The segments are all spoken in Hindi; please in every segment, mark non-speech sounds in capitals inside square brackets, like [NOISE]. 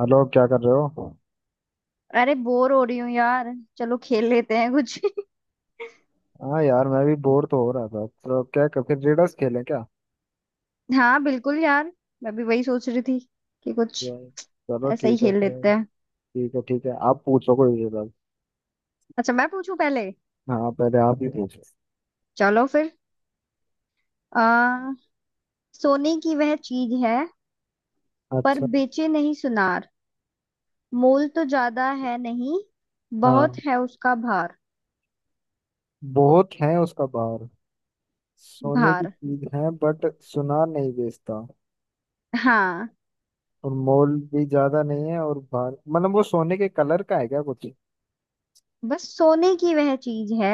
हेलो, क्या कर रहे हो। अरे, बोर हो रही हूँ यार। चलो खेल लेते हैं कुछ। हाँ यार, मैं भी बोर तो हो रहा था तो फिर रिडल्स खेलें क्या। [LAUGHS] हाँ, बिल्कुल यार। मैं भी वही सोच रही थी कि कुछ या- चलो, ऐसा ही ठीक है खेल फिर। लेते हैं। ठीक है, ठीक है, आप पूछो कोई रिडल्स। अच्छा, मैं पूछूं पहले। हाँ, पहले आप ही पूछो। चलो फिर। आ, सोने की वह चीज है, पर अच्छा। बेचे नहीं सुनार। मोल तो ज्यादा है नहीं, हाँ, बहुत है उसका भार। बहुत है उसका बाहर। सोने की भार। चीज है, बट सुनार नहीं बेचता, हाँ, और मोल भी ज्यादा नहीं है। और बाहर मतलब वो सोने के कलर का है क्या कुछ। बस सोने की वह चीज है,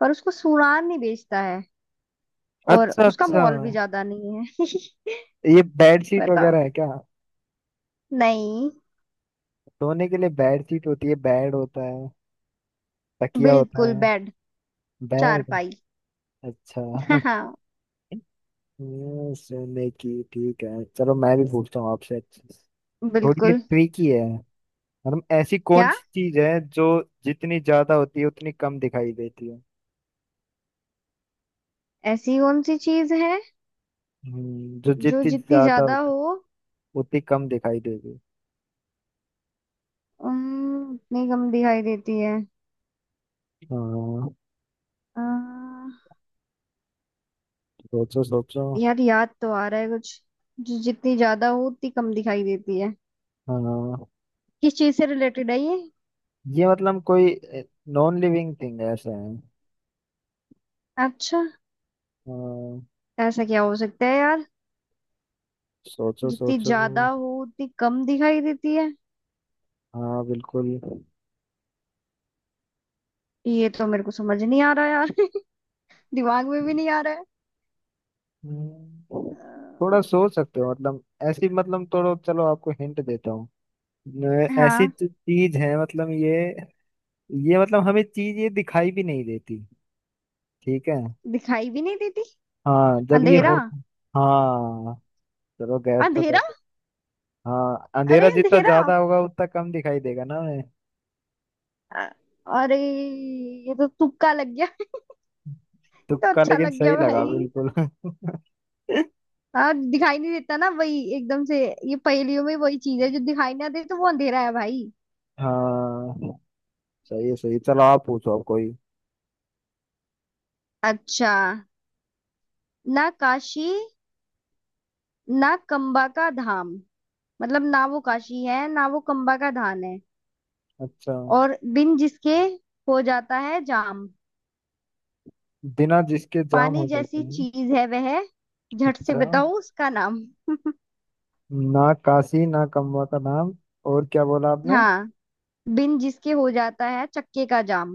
पर उसको सुनार नहीं बेचता है, और अच्छा, उसका अच्छा। मोल भी ज्यादा नहीं है। ये बेड [LAUGHS] शीट बताओ। वगैरह है क्या। नहीं। सोने के लिए बेड शीट होती है, बेड होता है, तकिया होता बिल्कुल है। बेड। बेड। चारपाई। हाँ अच्छा। [LAUGHS] हाँ, ये सोने की, ठीक है। चलो मैं भी पूछता हूँ आपसे। थोड़ी ये बिल्कुल। ट्रिकी है। मतलब ऐसी कौन क्या? सी चीज है जो जितनी ज्यादा होती है उतनी कम दिखाई देती है। ऐसी कौन सी चीज है जो जो जितनी जितनी ज्यादा ज्यादा होती हो है, उतनी कम दिखाई देती है। उतनी कम दिखाई देती है। हाँ। अ, सोचो सोचो। यार, याद तो आ रहा है कुछ। जो जितनी ज्यादा हो उतनी कम दिखाई देती है, हाँ, किस चीज से रिलेटेड है ये? ये मतलब कोई नॉन लिविंग थिंग ऐसा है। अच्छा। हाँ। ऐसा क्या हो सकता है यार? सोचो जितनी सोचो। ज्यादा हो उतनी कम दिखाई देती है। हाँ, बिल्कुल। ये तो मेरे को समझ नहीं आ रहा यार। [LAUGHS] दिमाग में भी नहीं आ रहा है। हम्म। अ, थोड़ा सोच सकते हो मतलब। ऐसी मतलब, थोड़ा, चलो आपको हिंट देता हूँ। ऐसी हाँ, चीज है मतलब ये। ये मतलब हमें चीज ये दिखाई भी नहीं देती। ठीक है। दिखाई भी नहीं देती। हाँ, जब ये हो। अंधेरा। हाँ। चलो गैस तो कर अंधेरा। दो। हाँ, अंधेरा अरे, जितना अंधेरा। ज्यादा होगा उतना कम दिखाई देगा ना हमें। अ- अरे, ये तो तुक्का लग गया। [LAUGHS] ये तो तुक्का अच्छा लेकिन लग सही गया लगा भाई। बिल्कुल। [LAUGHS] हाँ, दिखाई नहीं देता ना वही एकदम से। ये पहेलियों में वही चीज है जो दिखाई ना दे तो वो अंधेरा है भाई। हाँ। सही है, सही है। चलो आप पूछो अब कोई। अच्छा। ना काशी, ना कंबा का धाम। मतलब ना वो काशी है, ना वो कंबा का धाम है। अच्छा। और बिन जिसके हो जाता है जाम। बिना जिसके जाम हो पानी जाते जैसी हैं। चीज है वह। झट से अच्छा। बताओ उसका नाम। ना काशी, ना कमवा का नाम। और क्या बोला आपने। हाँ। बिन जिसके हो जाता है चक्के का जाम।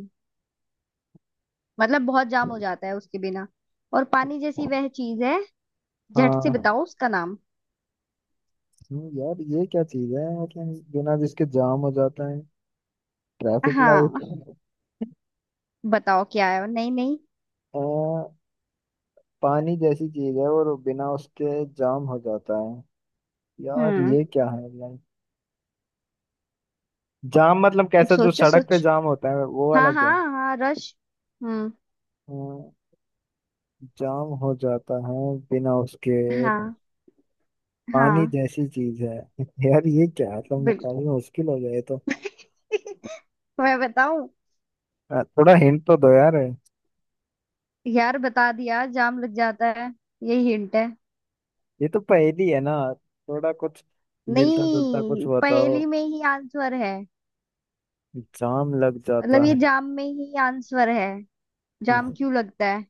मतलब बहुत जाम हो जाता है उसके बिना। और पानी जैसी वह चीज है। झट से हाँ। बताओ उसका नाम। यार ये क्या चीज है मतलब बिना जिसके जाम हो जाता है। ट्रैफिक हाँ, लाइट। बताओ क्या है। नहीं नहीं। आ, पानी जैसी चीज है और बिना उसके जाम हो जाता है। यार हम्म। ये क्या है लाइक, जाम मतलब कैसा, जो सोचो सड़क पे सोच। जाम होता है वो वाला हाँ हाँ जाम। हाँ, रश। हम्म। हाँ, जाम हो जाता है बिना उसके, और हाँ, पानी हाँ, जैसी चीज है। [LAUGHS] यार ये क्या है मतलब, बिल्कुल। मुकाबला मुश्किल हो गया ये तो। [LAUGHS] मैं बताऊं? थोड़ा हिंट तो दो यार। यार, बता दिया जाम लग जाता है। यही हिंट है। ये तो पहेली है ना। थोड़ा कुछ मिलता जुलता कुछ नहीं, बताओ। पहेली में ही आंसर है। जाम लग मतलब जाता ये है। जाम में ही आंसर है। जाम क्यों लगता है?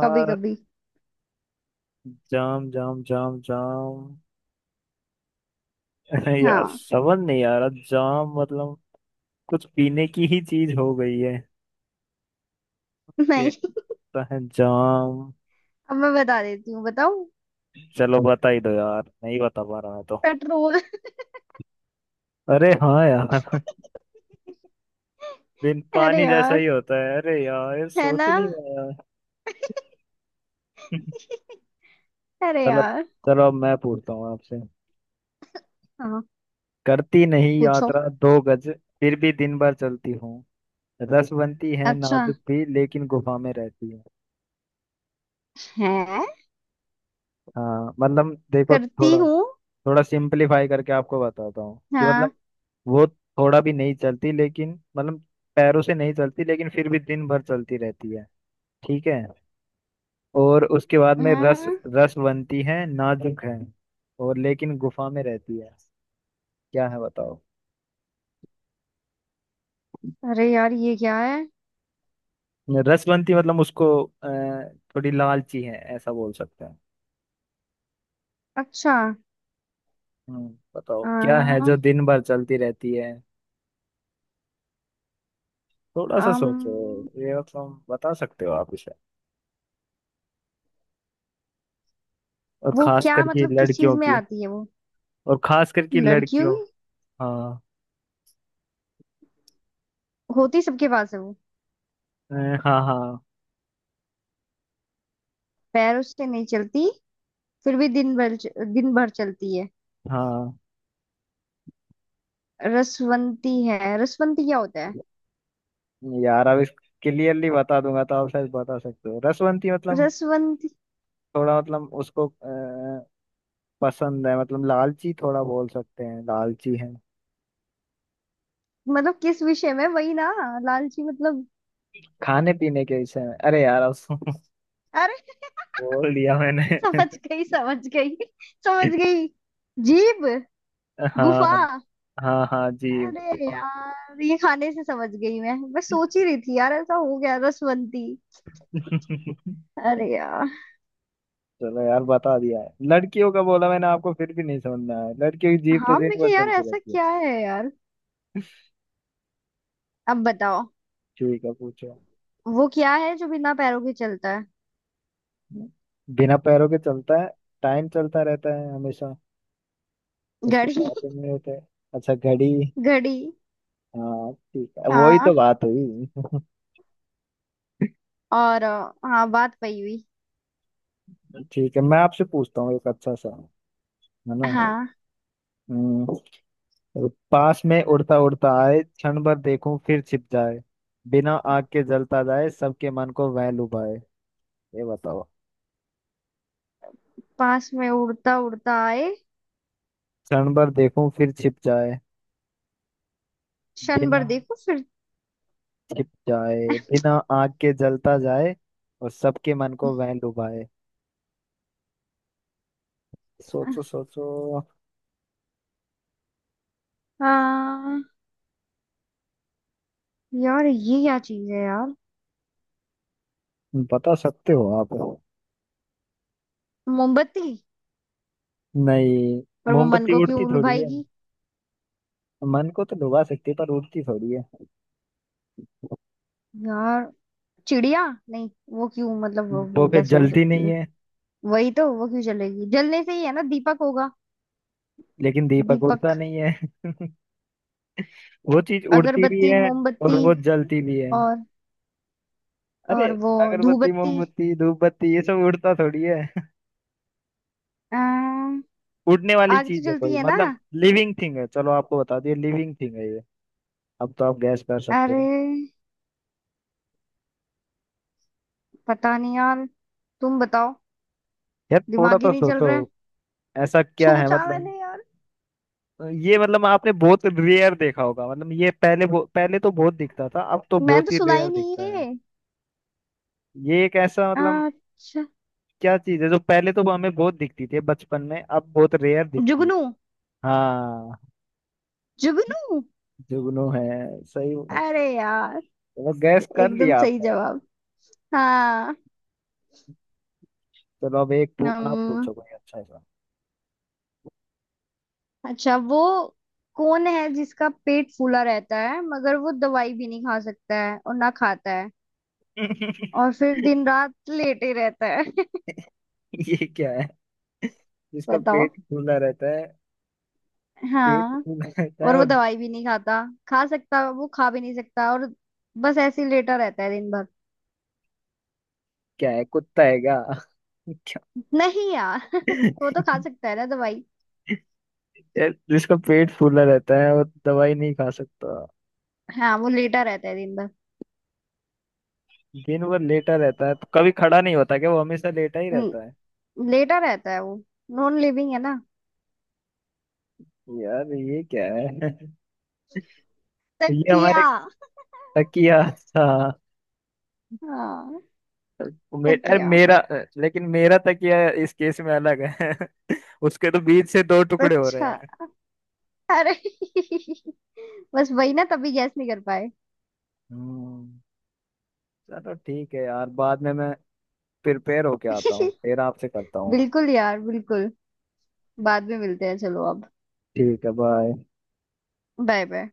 कभी कभी। जाम जाम जाम जाम। [LAUGHS] यार हाँ। समझ नहीं आ रहा, जाम मतलब कुछ पीने की ही चीज हो गई है [LAUGHS] के, नहीं। पता है जाम। अब मैं बता देती हूँ, बताऊं। चलो बता ही दो यार, नहीं बता पा रहा मैं तो। पेट्रोल। अरे हाँ यार। [LAUGHS] बिन अरे पानी जैसा यार। ही होता है, अरे यार ये है सोच ना? ही नहीं पाया। [LAUGHS] अरे चलो। यार। चलो अब मैं पूछता हूँ आपसे। हाँ, करती नहीं पूछो। यात्रा 2 गज, फिर भी दिन भर चलती हूँ। रस बनती है अच्छा नाजुक भी, लेकिन गुफा में रहती है। है। हाँ मतलब देखो, करती थोड़ा हूँ। थोड़ा सिंपलीफाई करके आपको बताता हूँ कि हाँ। मतलब, वो थोड़ा भी नहीं चलती लेकिन मतलब, पैरों से नहीं चलती लेकिन फिर भी दिन भर चलती रहती है। ठीक है। और उसके बाद में रस, हम्म। रस बनती है नाजुक है, और लेकिन गुफा में रहती है। क्या है बताओ। अरे यार, ये क्या है? रसवंती मतलब उसको, थोड़ी लालची है ऐसा बोल सकते हैं। अच्छा। हम्म, बताओ क्या है जो आ, दिन भर चलती रहती है। थोड़ा सा अम, सोचो। ये मतलब बता सकते हो आप इसे। और वो खास क्या करके मतलब किस चीज लड़कियों में की। आती है वो? और खास करके लड़कियों लड़कियों। की हाँ। होती, सबके पास है वो? अ, हाँ हाँ पैरों से नहीं चलती, फिर भी दिन भर चलती है। हाँ। रसवंती है? रसवंती क्या होता है? यार अब इस, क्लियरली बता दूंगा तो आप शायद बता सकते हो। रसवंती मतलब रसवंती थोड़ा, मतलब उसको पसंद है मतलब, लालची थोड़ा बोल सकते हैं, लालची है। मतलब किस विषय में, वही ना? लालची मतलब? खाने पीने के विषय में अरे यार, अब [LAUGHS] अरे। बोल दिया मैंने। [LAUGHS] समझ गई, समझ गई, समझ गई। जीभ। [LAUGHS] गुफा। हाँ, हाँ, हाँ जी। अरे यार, ये खाने से समझ गई। मैं सोच ही रही थी यार, ऐसा हो गया रसवंती। [LAUGHS] अरे यार। चलो यार, बता दिया है लड़कियों का बोला मैंने आपको फिर भी नहीं समझ में आया। लड़कियों की जीभ तो हाँ, मैं दिन भर कि यार चलती ऐसा रहती है। क्या है यार। अब बताओ। ठीक है, पूछो। वो क्या है जो बिना पैरों के चलता है? बिना पैरों के चलता है, टाइम चलता रहता है हमेशा, उसको घड़ी। पैर भी नहीं होते। अच्छा, घड़ी। [LAUGHS] घड़ी। हाँ ठीक है, वही हाँ। तो बात हुई। [LAUGHS] और हाँ, बात पई हुई। ठीक है, मैं आपसे पूछता हूँ एक अच्छा सा। है ना। हाँ। हम्म, पास में उड़ता उड़ता आए, क्षण भर देखूं फिर छिप जाए। बिना आग के जलता जाए, सबके मन को वह लुभाए। ये बताओ। पास में उड़ता उड़ता आए, क्षण भर देखूं फिर छिप जाए। क्षण बिना, भर देखो फिर। छिप जाए। बिना आग के जलता जाए, और सबके मन को वह लुभाए। सोचो सोचो। हाँ, यार ये क्या चीज है यार? बता सकते हो आप। मोमबत्ती। नहीं। पर वो मन मोमबत्ती को क्यों उड़ती थोड़ी है, लुभाएगी? मन को तो लुभा सकती है पर उड़ती थोड़ी है। यार। चिड़िया नहीं? वो क्यों मतलब वो, वो वो फिर कैसे हो जलती सकती नहीं है? है। वही तो, वो क्यों जलेगी? जलने से ही है ना, दीपक होगा? लेकिन दीपक दीपक। उड़ता नहीं है। [LAUGHS] वो चीज उड़ती भी अगरबत्ती, है, और मोमबत्ती। वो जलती भी है। और। अरे। और वो। अगरबत्ती, धूपबत्ती। मोमबत्ती, धूप बत्ती, ये सब उड़ता थोड़ी है। अम्म, [LAUGHS] उड़ने वाली आग तो चीज है जलती कोई है ना। मतलब। लिविंग थिंग है, चलो आपको बता दिया, लिविंग थिंग है ये। अब तो आप गैस कर सकते अरे, हो। पता नहीं यार। तुम बताओ। यार थोड़ा दिमाग ही तो नहीं चल सोचो। रहा है। ऐसा क्या है सोचा मतलब। मैंने यार। ये मतलब आपने बहुत रेयर देखा होगा मतलब, ये पहले पहले तो बहुत दिखता था, अब तो मैं बहुत तो ही सुना रेयर ही नहीं दिखता है। है। ये एक ऐसा मतलब, अच्छा। क्या चीज है जो पहले तो हमें बहुत दिखती थी बचपन में, अब बहुत रेयर दिखती है। जुगनू। हाँ। जुगनू। जुगनू है। सही। अरे यार, चलो गैस कर एकदम लिया सही आपने। जवाब। हाँ। चलो अब एक आप हम्म। पूछो कोई अच्छा सा। अच्छा, वो कौन है जिसका पेट फूला रहता है मगर वो दवाई भी नहीं खा सकता है और ना खाता है, [LAUGHS] और फिर दिन रात लेटे रहता है? [LAUGHS] ये क्या है जिसका बताओ। पेट फूला रहता है। पेट हाँ, फूला रहता और है, वो और। दवाई भी नहीं खाता, खा सकता। वो खा भी नहीं सकता, और बस ऐसे ही लेटा रहता है दिन भर। क्या है, कुत्ता है क्या। [LAUGHS] क्या। नहीं यार। [LAUGHS] वो तो खा सकता है ना दवाई। यार जिसका पेट फूला रहता है वो दवाई नहीं खा सकता। हाँ, वो लेटा रहता है दिन भर। दिन भर लेटा रहता है तो कभी खड़ा नहीं होता क्या, वो हमेशा लेटा ही रहता है। हम्म, लेटा रहता है वो। नॉन लिविंग है ना। यार ये क्या है। [LAUGHS] ये हमारे, तकिया। तकिया था। हाँ, वो अरे तकिया। मेरा। लेकिन मेरा तकिया इस केस में अलग है। [LAUGHS] उसके तो बीच से दो टुकड़े हो रहे अच्छा। हैं। अरे। [LAUGHS] बस वही ना तभी गैस नहीं कर पाए। हम्म, चलो ठीक है यार, बाद में मैं प्रिपेयर होके आता हूँ [LAUGHS] फिर आपसे करता हूँ। बिल्कुल यार, बिल्कुल। बाद में मिलते हैं। चलो अब। ठीक है, बाय। Bye bye.